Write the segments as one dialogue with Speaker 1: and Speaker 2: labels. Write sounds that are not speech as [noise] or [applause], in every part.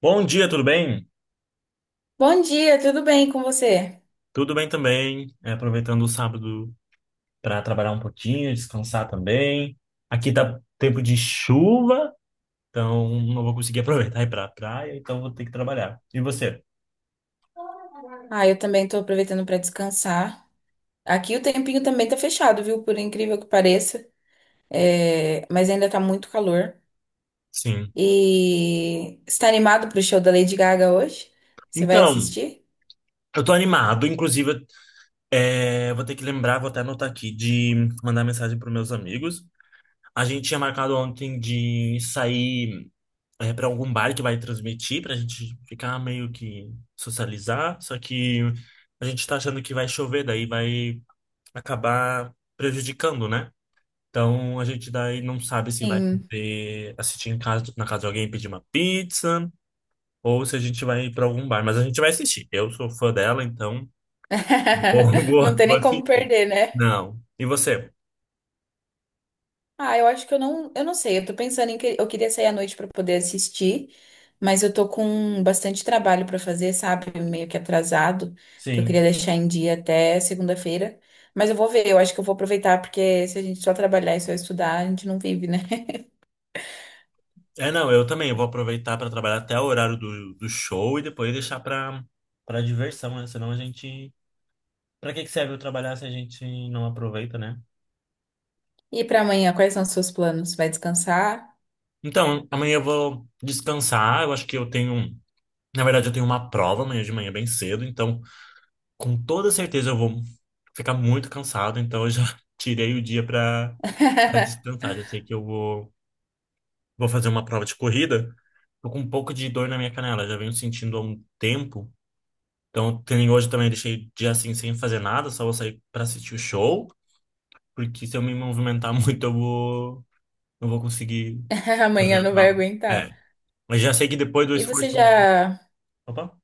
Speaker 1: Bom dia, tudo bem?
Speaker 2: Bom dia, tudo bem com você?
Speaker 1: Tudo bem também. Aproveitando o sábado para trabalhar um pouquinho, descansar também. Aqui tá tempo de chuva, então não vou conseguir aproveitar e ir pra praia, então vou ter que trabalhar. E você?
Speaker 2: Ah, eu também tô aproveitando para descansar. Aqui o tempinho também tá fechado, viu? Por incrível que pareça. É, mas ainda tá muito calor.
Speaker 1: Sim.
Speaker 2: E você tá animado pro show da Lady Gaga hoje? Você vai
Speaker 1: Então,
Speaker 2: assistir?
Speaker 1: eu tô animado, inclusive, vou ter que lembrar, vou até anotar aqui, de mandar mensagem para meus amigos. A gente tinha marcado ontem de sair. Para algum bar que vai transmitir, pra gente ficar meio que socializar. Só que a gente tá achando que vai chover, daí vai acabar prejudicando, né? Então a gente daí não sabe se vai
Speaker 2: Sim.
Speaker 1: poder assistir em casa, na casa de alguém pedir uma pizza. Ou se a gente vai ir pra algum bar, mas a gente vai assistir. Eu sou fã dela, então [laughs]
Speaker 2: [laughs] Não tem
Speaker 1: vou
Speaker 2: nem como
Speaker 1: assistir.
Speaker 2: perder, né?
Speaker 1: Não. E você?
Speaker 2: Ah, eu acho que eu não sei. Eu tô pensando em que eu queria sair à noite pra poder assistir, mas eu tô com bastante trabalho pra fazer, sabe? Meio que atrasado, que eu queria
Speaker 1: Sim.
Speaker 2: deixar em dia até segunda-feira. Mas eu vou ver, eu acho que eu vou aproveitar, porque se a gente só trabalhar e só estudar, a gente não vive, né? [laughs]
Speaker 1: É, não, eu também. Eu vou aproveitar para trabalhar até o horário do show e depois deixar para para diversão, né? Senão a gente. Para que que serve eu trabalhar se a gente não aproveita, né?
Speaker 2: E pra amanhã, quais são os seus planos? Vai descansar?
Speaker 1: Então, amanhã eu vou descansar. Eu acho que eu tenho. Na verdade, eu tenho uma prova amanhã de manhã bem cedo. Então, com toda certeza, eu vou ficar muito cansado. Então, eu já [laughs] tirei o dia para
Speaker 2: [laughs]
Speaker 1: descansar. Já sei que eu vou fazer uma prova de corrida. Tô com um pouco de dor na minha canela. Já venho sentindo há um tempo. Então, que nem hoje também eu deixei dia assim sem fazer nada, só vou sair pra assistir o show, porque se eu me movimentar [laughs] muito eu vou não vou conseguir fazer
Speaker 2: Amanhã
Speaker 1: a
Speaker 2: não vai
Speaker 1: prova.
Speaker 2: aguentar.
Speaker 1: É, mas já sei que depois do
Speaker 2: E você
Speaker 1: esforço que eu vou...
Speaker 2: já,
Speaker 1: Opa.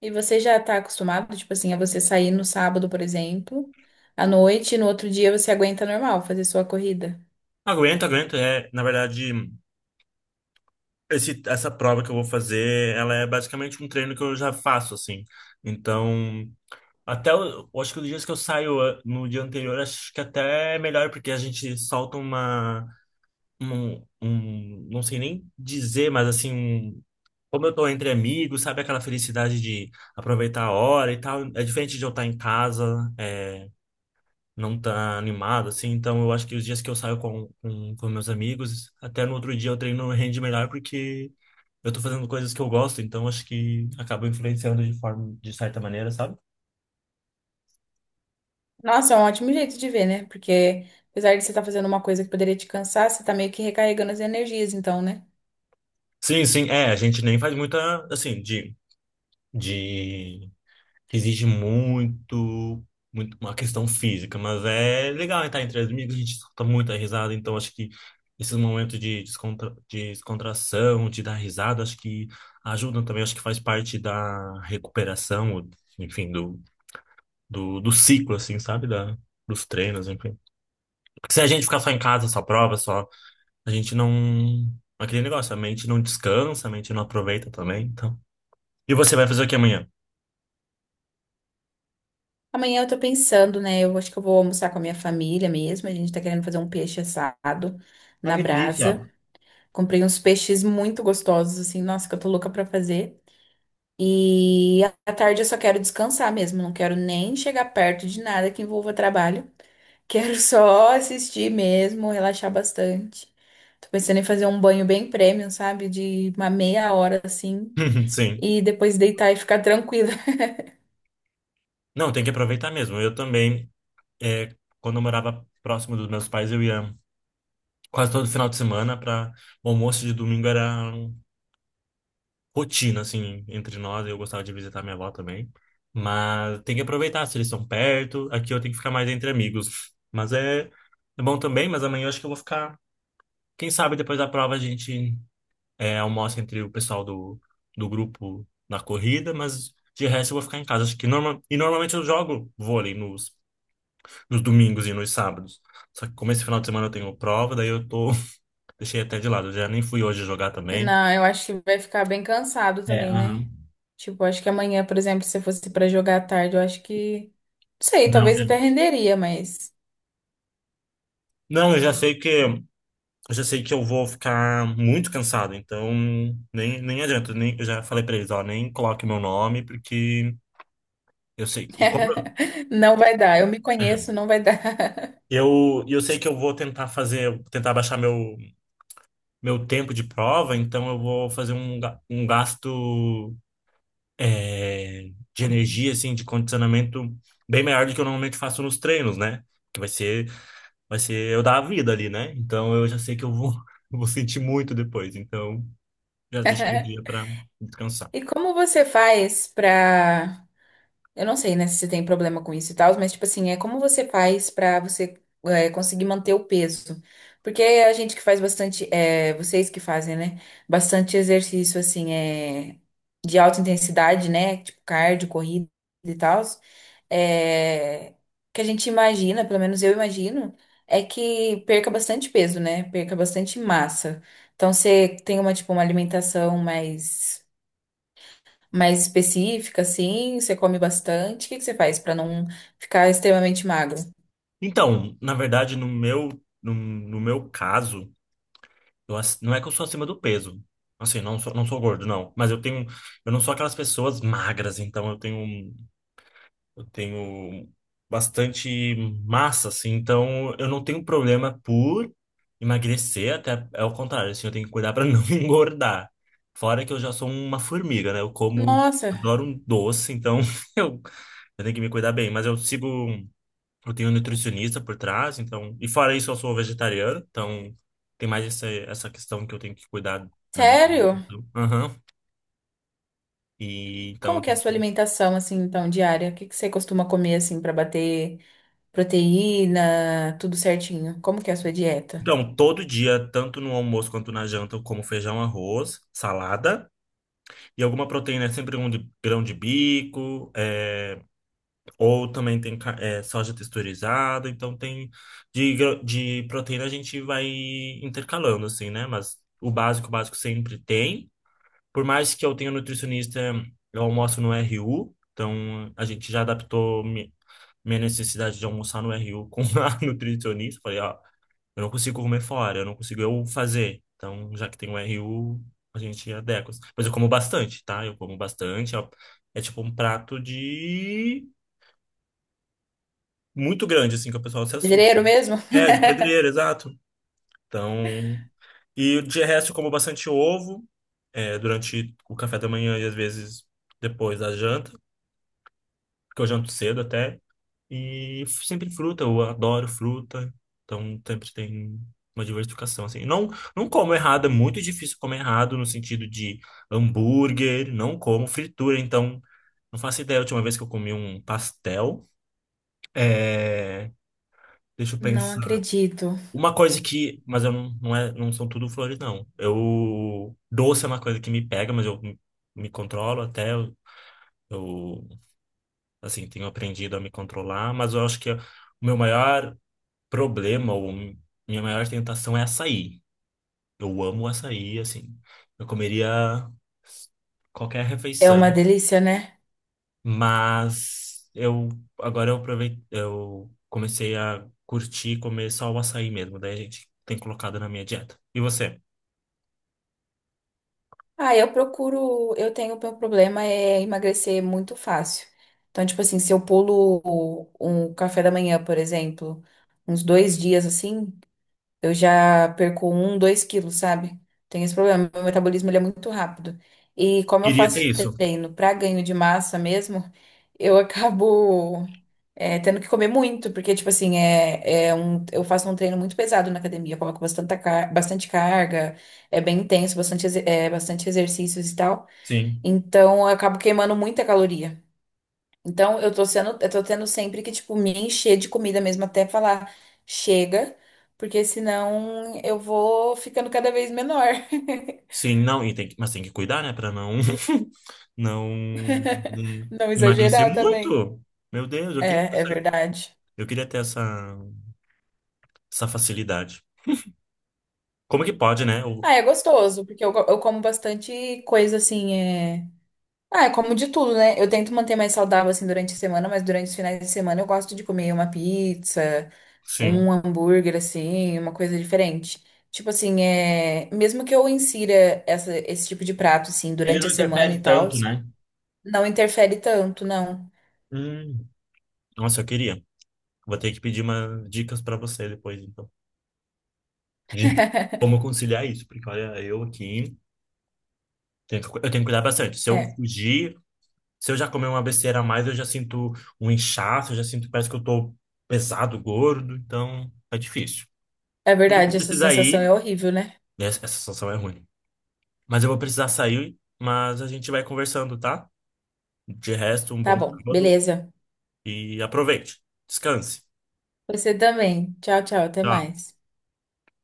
Speaker 2: e você já tá acostumado, tipo assim, a você sair no sábado, por exemplo, à noite, e no outro dia você aguenta normal fazer sua corrida?
Speaker 1: Aguento, aguento. É, na verdade, essa prova que eu vou fazer, ela é basicamente um treino que eu já faço, assim. Então, até, eu acho que os dias que eu saio ah, no dia anterior, acho que até é melhor, porque a gente solta uma não sei nem dizer, mas assim, como eu tô entre amigos, sabe aquela felicidade de aproveitar a hora e tal, é diferente de eu estar em casa, é, não tá animado, assim, então eu acho que os dias que eu saio com meus amigos, até no outro dia eu treino rende melhor porque eu tô fazendo coisas que eu gosto, então acho que acaba influenciando de forma, de certa maneira, sabe?
Speaker 2: Nossa, é um ótimo jeito de ver, né? Porque apesar de você estar fazendo uma coisa que poderia te cansar, você tá meio que recarregando as energias, então, né?
Speaker 1: Sim, sim, é, a gente nem faz muita, assim, de exige muito, muito uma questão física, mas é legal estar entre amigos, a gente solta muita risada, então acho que esses momentos de descontração, de dar risada, acho que ajudam também, acho que faz parte da recuperação, enfim, do ciclo, assim, sabe? Dos treinos, enfim. Porque se a gente ficar só em casa, só prova, só, a gente não. Aquele negócio, a mente não descansa, a mente não aproveita também, então. E você vai fazer o que amanhã?
Speaker 2: Amanhã eu tô pensando, né? Eu acho que eu vou almoçar com a minha família mesmo. A gente tá querendo fazer um peixe assado na
Speaker 1: Acredite, ó.
Speaker 2: brasa. Comprei uns peixes muito gostosos, assim, nossa, que eu tô louca pra fazer. E à tarde eu só quero descansar mesmo, não quero nem chegar perto de nada que envolva trabalho. Quero só assistir mesmo, relaxar bastante. Tô pensando em fazer um banho bem premium, sabe? De uma meia hora assim.
Speaker 1: [laughs] Sim.
Speaker 2: E depois deitar e ficar tranquila.
Speaker 1: Não, tem que aproveitar mesmo. Eu também, é, quando eu morava próximo dos meus pais, eu ia quase todo final de semana para o almoço de domingo era rotina, assim, entre nós. Eu gostava de visitar minha avó também. Mas tem que aproveitar, se eles estão perto. Aqui eu tenho que ficar mais entre amigos. Mas é, é bom também, mas amanhã eu acho que eu vou ficar. Quem sabe depois da prova a gente é, almoça entre o pessoal do grupo na corrida, mas de resto eu vou ficar em casa. Acho que norma... E normalmente eu jogo vôlei no nos domingos e nos sábados. Só que como esse final de semana eu tenho prova, daí eu tô. [laughs] Deixei até de lado. Eu já nem fui hoje jogar
Speaker 2: [laughs]
Speaker 1: também.
Speaker 2: Não, eu acho que vai ficar bem cansado
Speaker 1: É,
Speaker 2: também, né?
Speaker 1: aham.
Speaker 2: Tipo, acho que amanhã, por exemplo, se eu fosse pra jogar à tarde, eu acho que. Não sei,
Speaker 1: Não,
Speaker 2: talvez
Speaker 1: é-
Speaker 2: até renderia, mas.
Speaker 1: Não, eu já sei que eu vou ficar muito cansado, então nem, nem adianta, nem, eu já falei pra eles, ó, nem coloque meu nome, porque eu sei.
Speaker 2: [laughs] Não vai dar. Eu me
Speaker 1: É,
Speaker 2: conheço, não vai dar.
Speaker 1: e eu sei que eu vou tentar fazer, tentar baixar meu tempo de prova, então eu vou fazer um, um gasto. É, de energia, assim, de condicionamento bem maior do que eu normalmente faço nos treinos, né? Que vai ser eu dar a vida ali, né? Então eu já sei que eu vou, [laughs] eu vou sentir muito depois. Então já deixei o dia
Speaker 2: [laughs]
Speaker 1: para descansar.
Speaker 2: E como você faz pra eu não sei, né, se você tem problema com isso e tal, mas, tipo assim, é como você faz pra você é, conseguir manter o peso. Porque a gente que faz bastante, é, vocês que fazem, né, bastante exercício, assim, é, de alta intensidade, né, tipo cardio, corrida e tal, é, que a gente imagina, pelo menos eu imagino, é que perca bastante peso, né, perca bastante massa. Então, você tem uma, tipo, uma alimentação mais mais específica, assim? Você come bastante? O que que você faz para não ficar extremamente magro?
Speaker 1: Então, na verdade, no meu caso, não é que eu sou acima do peso. Assim, não sou gordo, não. Mas eu tenho, eu não sou aquelas pessoas magras, então eu tenho. Um Eu tenho bastante massa, assim, então eu não tenho problema por emagrecer, até é o contrário, assim, eu tenho que cuidar para [laughs] não engordar. Fora que eu já sou uma formiga, né? Eu como,
Speaker 2: Nossa,
Speaker 1: adoro um doce, então [laughs] eu, eu tenho que me cuidar bem. Mas eu sigo, eu tenho um nutricionista por trás, então. E fora isso, eu sou vegetariano, então tem mais essa, essa questão que eu tenho que cuidar.
Speaker 2: sério?
Speaker 1: Aham. E
Speaker 2: Como
Speaker 1: então.
Speaker 2: que é a sua alimentação, assim, então, diária? O que que você costuma comer, assim, para bater proteína, tudo certinho? Como que é a sua dieta?
Speaker 1: Então, todo dia, tanto no almoço quanto na janta, eu como feijão, arroz, salada e alguma proteína, é sempre um grão de bico, é, ou também tem soja texturizada. Então, tem de, de proteína a gente vai intercalando, assim, né? Mas o básico sempre tem. Por mais que eu tenha nutricionista, eu almoço no RU, então a gente já adaptou minha necessidade de almoçar no RU com a [laughs] nutricionista. Falei, ó. Eu não consigo comer fora, eu não consigo eu fazer. Então, já que tem o RU, a gente adequa. Mas eu como bastante, tá? Eu como bastante. É, é tipo um prato de... Muito grande, assim, que o pessoal se assusta.
Speaker 2: Pedreiro mesmo?
Speaker 1: É, de pedreiro, exato. Então... E de resto, eu como bastante ovo, é, durante o café da manhã e às vezes depois da janta. Porque eu janto cedo até. E sempre fruta, eu adoro fruta. Então sempre tem uma diversificação, assim. Não, não como errado, é muito difícil comer errado no sentido de hambúrguer, não como fritura, então não faço ideia. A última vez que eu comi um pastel, é... deixa eu
Speaker 2: Não
Speaker 1: pensar.
Speaker 2: acredito.
Speaker 1: Uma coisa que, mas eu não são tudo flores, não. Eu, doce é uma coisa que me pega, mas eu me me controlo até, eu assim, tenho aprendido a me controlar, mas eu acho que o meu maior problema, ou minha maior tentação é açaí. Eu amo açaí, assim. Eu comeria qualquer
Speaker 2: É
Speaker 1: refeição,
Speaker 2: uma delícia, né?
Speaker 1: mas eu agora eu aproveitei, eu comecei a curtir comer só o açaí mesmo, daí a gente tem colocado na minha dieta. E você?
Speaker 2: Ah, eu procuro. Eu tenho. O meu problema é emagrecer muito fácil. Então, tipo assim, se eu pulo um café da manhã, por exemplo, uns dois dias assim. Eu já perco um, dois quilos, sabe? Tenho esse problema. Meu metabolismo ele é muito rápido. E como eu
Speaker 1: Queria ter
Speaker 2: faço
Speaker 1: isso.
Speaker 2: treino para ganho de massa mesmo, eu [laughs] acabo é, tendo que comer muito, porque, tipo assim, é, eu faço um treino muito pesado na academia. Eu coloco bastante, car- bastante carga, é bem intenso, bastante, exe- é, bastante exercícios e tal.
Speaker 1: Sim.
Speaker 2: Então, eu acabo queimando muita caloria. Então, eu tô tendo sempre que, tipo, me encher de comida mesmo até falar chega, porque senão eu vou ficando cada vez menor. [laughs]
Speaker 1: Sim, não, e tem que- mas tem que cuidar, né, pra não [laughs] não não
Speaker 2: Não
Speaker 1: emagrecer
Speaker 2: exagerar também.
Speaker 1: muito. Meu Deus, eu queria
Speaker 2: É, é verdade.
Speaker 1: Eu queria ter essa facilidade. Como que pode, né? O,
Speaker 2: Ah, é gostoso, porque eu, go- eu como bastante coisa assim, é... Ah, eu como de tudo, né? Eu tento manter mais saudável, assim, durante a semana, mas durante os finais de semana eu gosto de comer uma pizza,
Speaker 1: sim.
Speaker 2: um hambúrguer assim, uma coisa diferente. Tipo assim, é, mesmo que eu insira essa- esse tipo de prato assim
Speaker 1: Ele
Speaker 2: durante
Speaker 1: não
Speaker 2: a semana e
Speaker 1: interfere
Speaker 2: tal,
Speaker 1: tanto, né?
Speaker 2: não interfere tanto, não.
Speaker 1: Hum, nossa, eu queria. Vou ter que pedir umas dicas para você depois, então. De
Speaker 2: [laughs]
Speaker 1: como conciliar isso, porque olha, eu aqui tenho eu tenho que cuidar bastante. Se eu
Speaker 2: É,
Speaker 1: fugir, se eu já comer uma besteira a mais, eu já sinto um inchaço, eu já sinto, parece que eu tô pesado, gordo, então é difícil.
Speaker 2: é
Speaker 1: Mas eu vou
Speaker 2: verdade, essa
Speaker 1: precisar
Speaker 2: sensação é
Speaker 1: ir.
Speaker 2: horrível, né?
Speaker 1: Essa situação é ruim. Mas eu vou precisar sair, mas a gente vai conversando, tá? De resto, um
Speaker 2: Tá
Speaker 1: bom
Speaker 2: bom,
Speaker 1: sábado.
Speaker 2: beleza.
Speaker 1: E aproveite. Descanse.
Speaker 2: Você também. Tchau, tchau, até
Speaker 1: Tchau.
Speaker 2: mais.